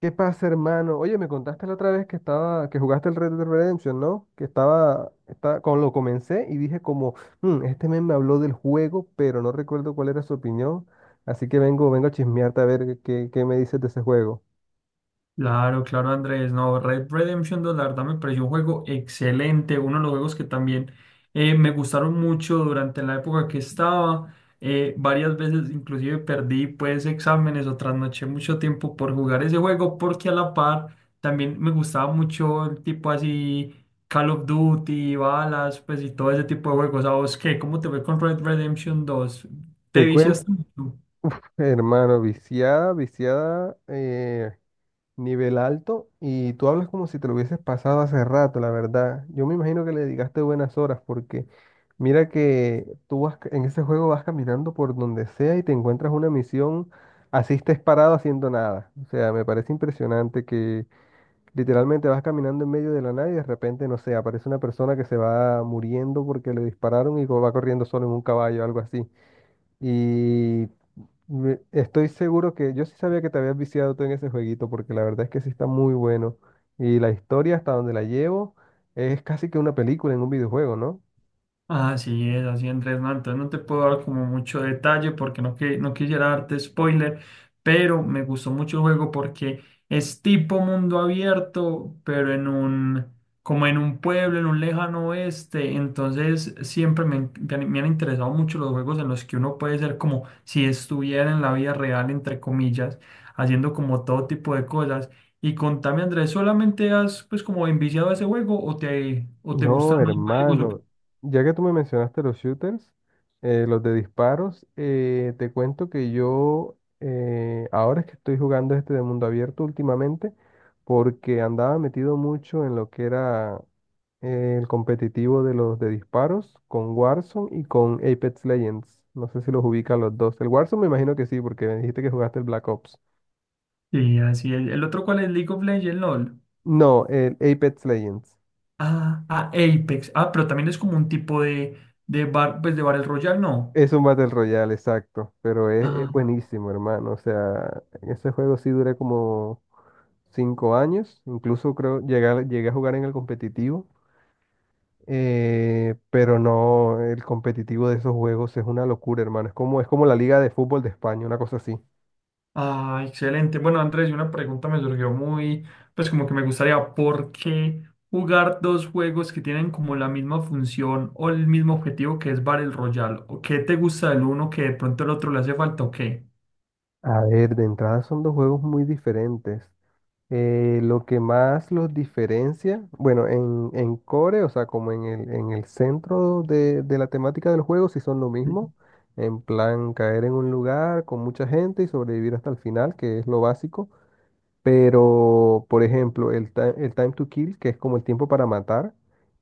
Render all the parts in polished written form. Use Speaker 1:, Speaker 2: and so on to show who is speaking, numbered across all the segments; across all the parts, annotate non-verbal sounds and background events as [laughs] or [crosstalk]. Speaker 1: ¿Qué pasa, hermano? Oye, me contaste la otra vez que jugaste el Red Dead Redemption, ¿no? Cuando lo comencé y dije como, "Mm, este men me habló del juego, pero no recuerdo cuál era su opinión, así que vengo a chismearte a ver qué me dices de ese juego".
Speaker 2: Claro, claro, Andrés. No, Red Redemption dos, la verdad me pareció un juego excelente. Uno de los juegos que también me gustaron mucho durante la época que estaba. Varias veces inclusive perdí pues exámenes o trasnoché mucho tiempo por jugar ese juego porque a la par también me gustaba mucho el tipo así Call of Duty, balas, pues y todo ese tipo de juegos. ¿A vos qué? ¿Cómo te fue con Red Redemption dos? ¿Te
Speaker 1: Te cuento,
Speaker 2: viciaste?
Speaker 1: hermano, viciada, viciada, nivel alto, y tú hablas como si te lo hubieses pasado hace rato, la verdad. Yo me imagino que le dedicaste buenas horas porque mira que tú en ese juego vas caminando por donde sea y te encuentras una misión, así estés parado haciendo nada. O sea, me parece impresionante que literalmente vas caminando en medio de la nada y de repente, no sé, aparece una persona que se va muriendo porque le dispararon y va corriendo solo en un caballo, algo así. Y estoy seguro que yo sí sabía que te habías viciado tú en ese jueguito, porque la verdad es que sí está muy bueno. Y la historia hasta donde la llevo es casi que una película en un videojuego, ¿no?
Speaker 2: Así es, así Andrés, no, entonces no te puedo dar como mucho detalle porque no, que, no quisiera darte spoiler, pero me gustó mucho el juego porque es tipo mundo abierto, pero como en un pueblo, en un lejano oeste, entonces siempre me han interesado mucho los juegos en los que uno puede ser como si estuviera en la vida real, entre comillas, haciendo como todo tipo de cosas. Y contame Andrés, ¿solamente has pues como enviciado a ese juego o te
Speaker 1: No,
Speaker 2: gustan más juegos o
Speaker 1: hermano. Ya que tú me mencionaste los shooters, los de disparos, te cuento que yo ahora es que estoy jugando este de mundo abierto últimamente, porque andaba metido mucho en lo que era el competitivo de los de disparos con Warzone y con Apex Legends. No sé si los ubica los dos. El Warzone me imagino que sí, porque me dijiste que jugaste el Black Ops.
Speaker 2: Sí, así es? ¿El otro cuál es? League of Legends, LOL.
Speaker 1: No, el Apex Legends.
Speaker 2: Ah, Apex. Ah, pero también es como un tipo de bar, pues de Battle Royale, ¿no?
Speaker 1: Es un Battle Royale, exacto, pero es
Speaker 2: Ah,
Speaker 1: buenísimo, hermano. O sea, en ese juego sí duré como 5 años, incluso creo llegué, llegué a jugar en el competitivo, pero no, el competitivo de esos juegos es una locura, hermano. Es como la Liga de Fútbol de España, una cosa así.
Speaker 2: ah, excelente. Bueno, Andrés, y una pregunta me surgió muy, pues como que me gustaría, ¿por qué jugar dos juegos que tienen como la misma función o el mismo objetivo que es Battle Royale? ¿O qué te gusta del uno que de pronto el otro le hace falta o qué?
Speaker 1: A ver, de entrada son dos juegos muy diferentes. Lo que más los diferencia, bueno, en core, o sea, como en el centro de la temática del juego, sí son lo
Speaker 2: Sí.
Speaker 1: mismo. En plan, caer en un lugar con mucha gente y sobrevivir hasta el final, que es lo básico. Pero, por ejemplo, el time to kill, que es como el tiempo para matar,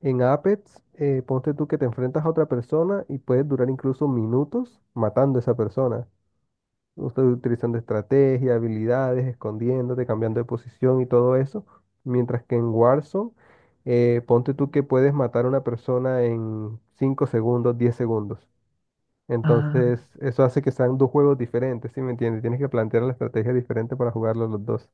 Speaker 1: en Apex, ponte tú que te enfrentas a otra persona y puedes durar incluso minutos matando a esa persona usted utilizando estrategia, habilidades, escondiéndote, cambiando de posición y todo eso. Mientras que en Warzone, ponte tú que puedes matar a una persona en 5 segundos, 10 segundos. Entonces, eso hace que sean dos juegos diferentes, ¿sí me entiendes? Tienes que plantear la estrategia diferente para jugarlos los dos.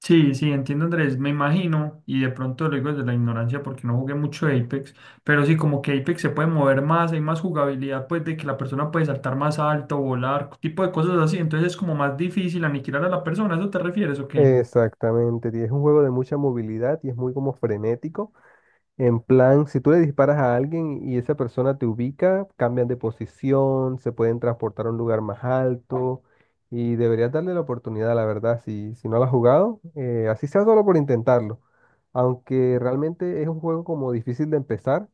Speaker 2: Sí, sí, entiendo Andrés, me imagino, y de pronto lo digo desde la ignorancia porque no jugué mucho Apex, pero sí como que Apex se puede mover más, hay más jugabilidad pues de que la persona puede saltar más alto, volar, tipo de cosas así, entonces es como más difícil aniquilar a la persona, ¿a eso te refieres o qué?
Speaker 1: Exactamente, y es un juego de mucha movilidad y es muy como frenético. En plan, si tú le disparas a alguien y esa persona te ubica, cambian de posición, se pueden transportar a un lugar más alto y deberías darle la oportunidad, la verdad, si no la has jugado, así sea solo por intentarlo. Aunque realmente es un juego como difícil de empezar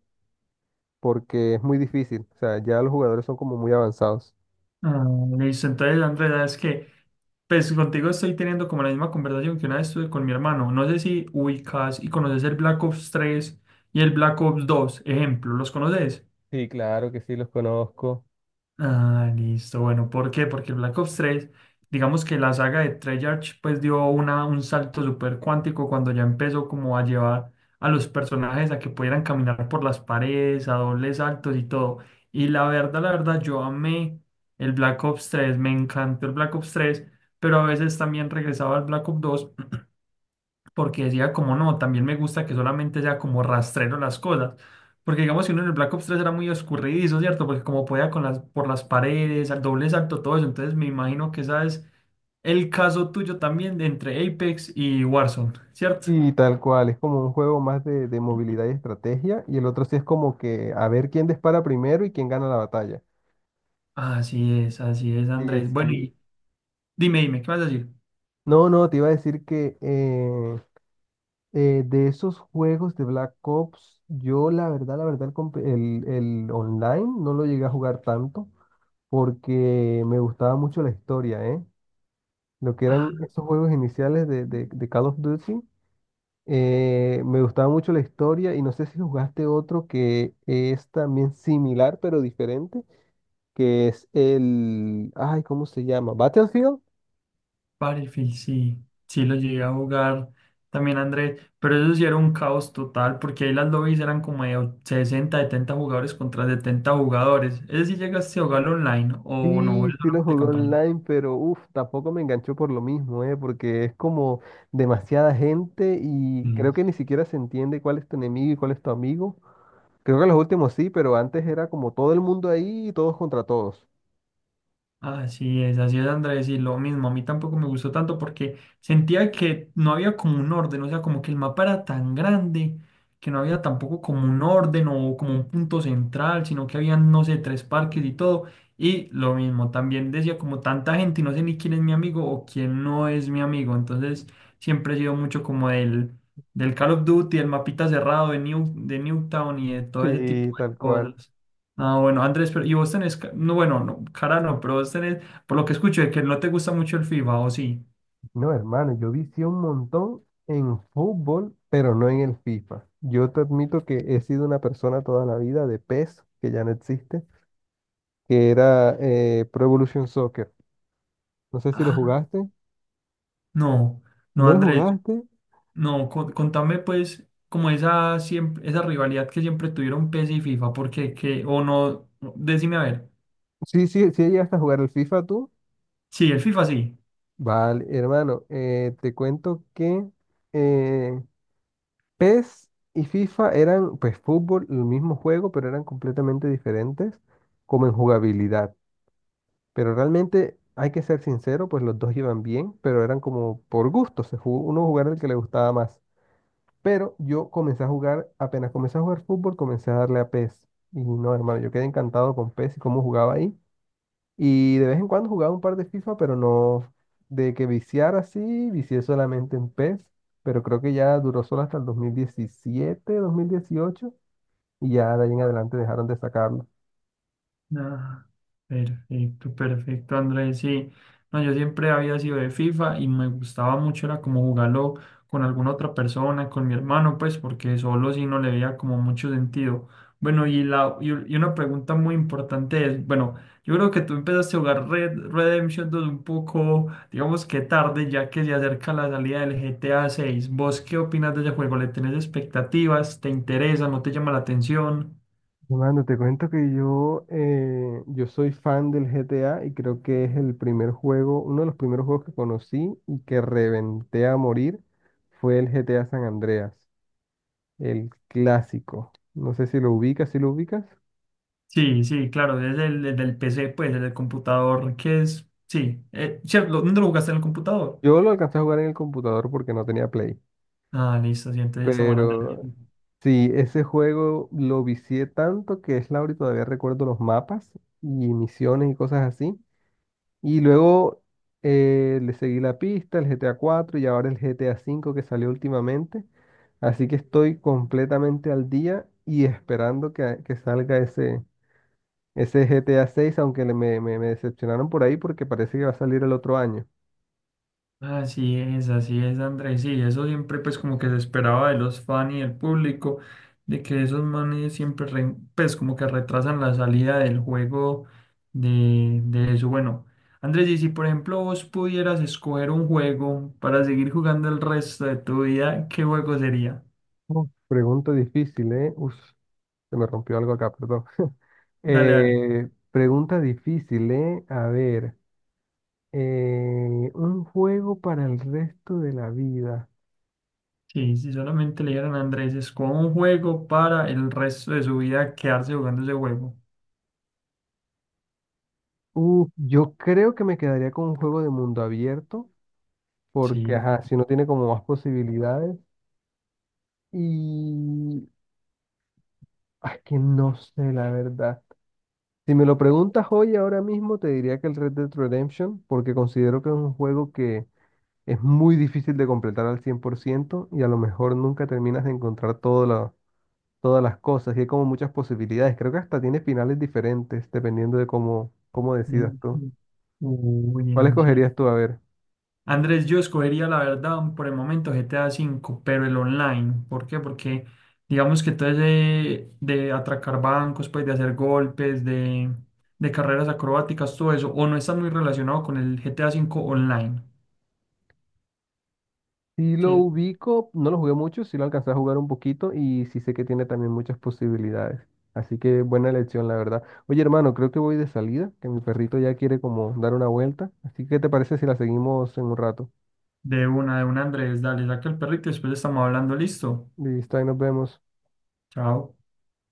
Speaker 1: porque es muy difícil, o sea, ya los jugadores son como muy avanzados.
Speaker 2: Ah, listo, entonces Andrés, es que pues contigo estoy teniendo como la misma conversación que una vez tuve con mi hermano, no sé si ubicas y conoces el Black Ops 3 y el Black Ops 2, ejemplo, ¿los conoces?
Speaker 1: Sí, claro que sí, los conozco.
Speaker 2: Ah, listo. Bueno, ¿por qué? Porque Black Ops tres digamos que la saga de Treyarch pues dio un salto súper cuántico cuando ya empezó como a llevar a los personajes a que pudieran caminar por las paredes, a dobles saltos y todo. Y la verdad, yo amé el Black Ops tres, me encantó el Black Ops tres, pero a veces también regresaba al Black Ops dos porque decía como no, también me gusta que solamente sea como rastrero las cosas. Porque digamos que uno en el Black Ops tres era muy oscurridizo, ¿cierto? Porque como podía por las paredes, al doble salto, todo eso. Entonces me imagino que esa es el caso tuyo también de entre Apex y Warzone, ¿cierto?
Speaker 1: Y tal cual, es como un juego más de movilidad y estrategia, y el otro sí es como que a ver quién dispara primero y quién gana la batalla.
Speaker 2: Así es,
Speaker 1: Sí,
Speaker 2: Andrés. Bueno,
Speaker 1: sí.
Speaker 2: y dime, dime, ¿qué vas a decir?
Speaker 1: No, no, te iba a decir que de esos juegos de Black Ops, yo la verdad, el online no lo llegué a jugar tanto porque me gustaba mucho la historia, ¿eh? Lo que eran esos juegos iniciales de Call of Duty, me gustaba mucho la historia y no sé si jugaste otro que es también similar pero diferente, que es el, ay, ¿cómo se llama? Battlefield.
Speaker 2: Battlefield, sí, sí lo llegué a jugar también Andrés, pero eso sí era un caos total, porque ahí las lobbies eran como de 60, 70 jugadores contra 70 jugadores. ¿Ese sí llegaste a jugar online o no?
Speaker 1: Sí,
Speaker 2: ¿Es
Speaker 1: sí lo
Speaker 2: solamente
Speaker 1: jugué
Speaker 2: campaña?
Speaker 1: online, pero uff, tampoco me enganchó por lo mismo, ¿eh? Porque es como demasiada gente y creo que ni siquiera se entiende cuál es tu enemigo y cuál es tu amigo. Creo que los últimos sí, pero antes era como todo el mundo ahí y todos contra todos.
Speaker 2: Así es, así es, Andrés, y lo mismo, a mí tampoco me gustó tanto porque sentía que no había como un orden, o sea, como que el mapa era tan grande que no había tampoco como un orden o como un punto central, sino que habían, no sé, tres parques y todo, y lo mismo, también decía como tanta gente y no sé ni quién es mi amigo o quién no es mi amigo, entonces siempre he sido mucho como del Call of Duty, el mapita cerrado de Newtown y de todo ese
Speaker 1: Sí,
Speaker 2: tipo de
Speaker 1: tal cual.
Speaker 2: cosas. Ah, bueno, Andrés, pero y vos tenés, no, bueno, no, cara no, pero vos tenés, por lo que escucho, de que no te gusta mucho el FIFA, ¿o sí?
Speaker 1: No, hermano, yo vicié un montón en fútbol, pero no en el FIFA. Yo te admito que he sido una persona toda la vida de PES, que ya no existe, que era Pro Evolution Soccer. No sé si lo
Speaker 2: Ah,
Speaker 1: jugaste.
Speaker 2: no, no,
Speaker 1: ¿No lo
Speaker 2: Andrés,
Speaker 1: jugaste?
Speaker 2: no, contame pues como esa rivalidad que siempre tuvieron PES y FIFA, porque o no, no, decime a ver,
Speaker 1: Sí, sí, sí llegaste a jugar el FIFA tú.
Speaker 2: sí, el FIFA sí.
Speaker 1: Vale, hermano, te cuento que eh, PES y FIFA eran, pues fútbol, el mismo juego, pero eran completamente diferentes como en jugabilidad. Pero realmente, hay que ser sincero, pues los dos iban bien, pero eran como por gusto, se jugó, uno jugaba el que le gustaba más. Pero yo comencé a jugar, apenas comencé a jugar fútbol, comencé a darle a PES. Y no, hermano, yo quedé encantado con PES y cómo jugaba ahí. Y de vez en cuando jugaba un par de FIFA, pero no de que viciar así, vicié solamente en PES, pero creo que ya duró solo hasta el 2017 2018 y ya de ahí en adelante dejaron de sacarlo.
Speaker 2: Ah, perfecto, perfecto, Andrés. Sí, no, yo siempre había sido de FIFA y me gustaba mucho, era como jugarlo con alguna otra persona, con mi hermano, pues, porque solo sí no le veía como mucho sentido. Bueno, y, la, y una pregunta muy importante es, bueno, yo creo que tú empezaste a jugar Red Redemption dos un poco, digamos que tarde, ya que se acerca la salida del GTA seis. ¿Vos qué opinas de ese juego? ¿Le tenés expectativas? ¿Te interesa? ¿No te llama la atención?
Speaker 1: Mano, te cuento que yo, yo soy fan del GTA y creo que es el primer juego, uno de los primeros juegos que conocí y que reventé a morir fue el GTA San Andreas, el clásico. No sé si lo ubicas.
Speaker 2: Sí, sí, claro, desde el PC, pues, desde el computador, que es, sí, cierto, ¿dónde lo jugaste en el computador?
Speaker 1: Yo lo alcancé a jugar en el computador porque no tenía Play.
Speaker 2: Ah, listo, sí, entonces estamos hablando del
Speaker 1: Pero
Speaker 2: mismo.
Speaker 1: sí, ese juego lo vicié tanto que es Laura y todavía recuerdo los mapas y misiones y cosas así. Y luego le seguí la pista, el GTA 4 y ahora el GTA 5 que salió últimamente. Así que estoy completamente al día y esperando que salga ese GTA 6 aunque me decepcionaron por ahí porque parece que va a salir el otro año.
Speaker 2: Así es, Andrés, sí, eso siempre, pues, como que se esperaba de los fans y del público, de que esos manes siempre, pues, como que retrasan la salida del juego de eso. Bueno, Andrés, y si, por ejemplo, vos pudieras escoger un juego para seguir jugando el resto de tu vida, ¿qué juego sería?
Speaker 1: Uf, pregunta difícil, ¿eh? Uf, se me rompió algo acá, perdón. [laughs]
Speaker 2: Dale, dale.
Speaker 1: Pregunta difícil, ¿eh? A ver, un juego para el resto de la vida.
Speaker 2: Sí, si solamente le dieran a Andrés, escoja un juego para el resto de su vida quedarse jugando ese juego.
Speaker 1: Yo creo que me quedaría con un juego de mundo abierto,
Speaker 2: Sí.
Speaker 1: porque, ajá, si no tiene como más posibilidades. Y es que no sé, la verdad. Si me lo preguntas hoy, ahora mismo, te diría que el Red Dead Redemption, porque considero que es un juego que es muy difícil de completar al 100% y a lo mejor nunca terminas de encontrar todo lo todas las cosas y hay como muchas posibilidades. Creo que hasta tiene finales diferentes dependiendo de cómo
Speaker 2: Mm.
Speaker 1: decidas tú.
Speaker 2: Sí. Uy,
Speaker 1: ¿Cuál
Speaker 2: en serio.
Speaker 1: escogerías tú? A ver.
Speaker 2: Andrés, yo escogería la verdad por el momento GTA V, pero el online. ¿Por qué? Porque digamos que todo ese de atracar bancos, pues de hacer golpes, de carreras acrobáticas, todo eso, o no está muy relacionado con el GTA V online.
Speaker 1: Si lo
Speaker 2: Sí.
Speaker 1: ubico, no lo jugué mucho, sí lo alcancé a jugar un poquito y sí sé que tiene también muchas posibilidades. Así que buena elección, la verdad. Oye, hermano, creo que voy de salida, que mi perrito ya quiere como dar una vuelta. Así que, ¿qué te parece si la seguimos en un rato?
Speaker 2: De una, Andrés, dale, saca el perrito y después estamos hablando, listo.
Speaker 1: Listo, ahí nos vemos.
Speaker 2: Chao.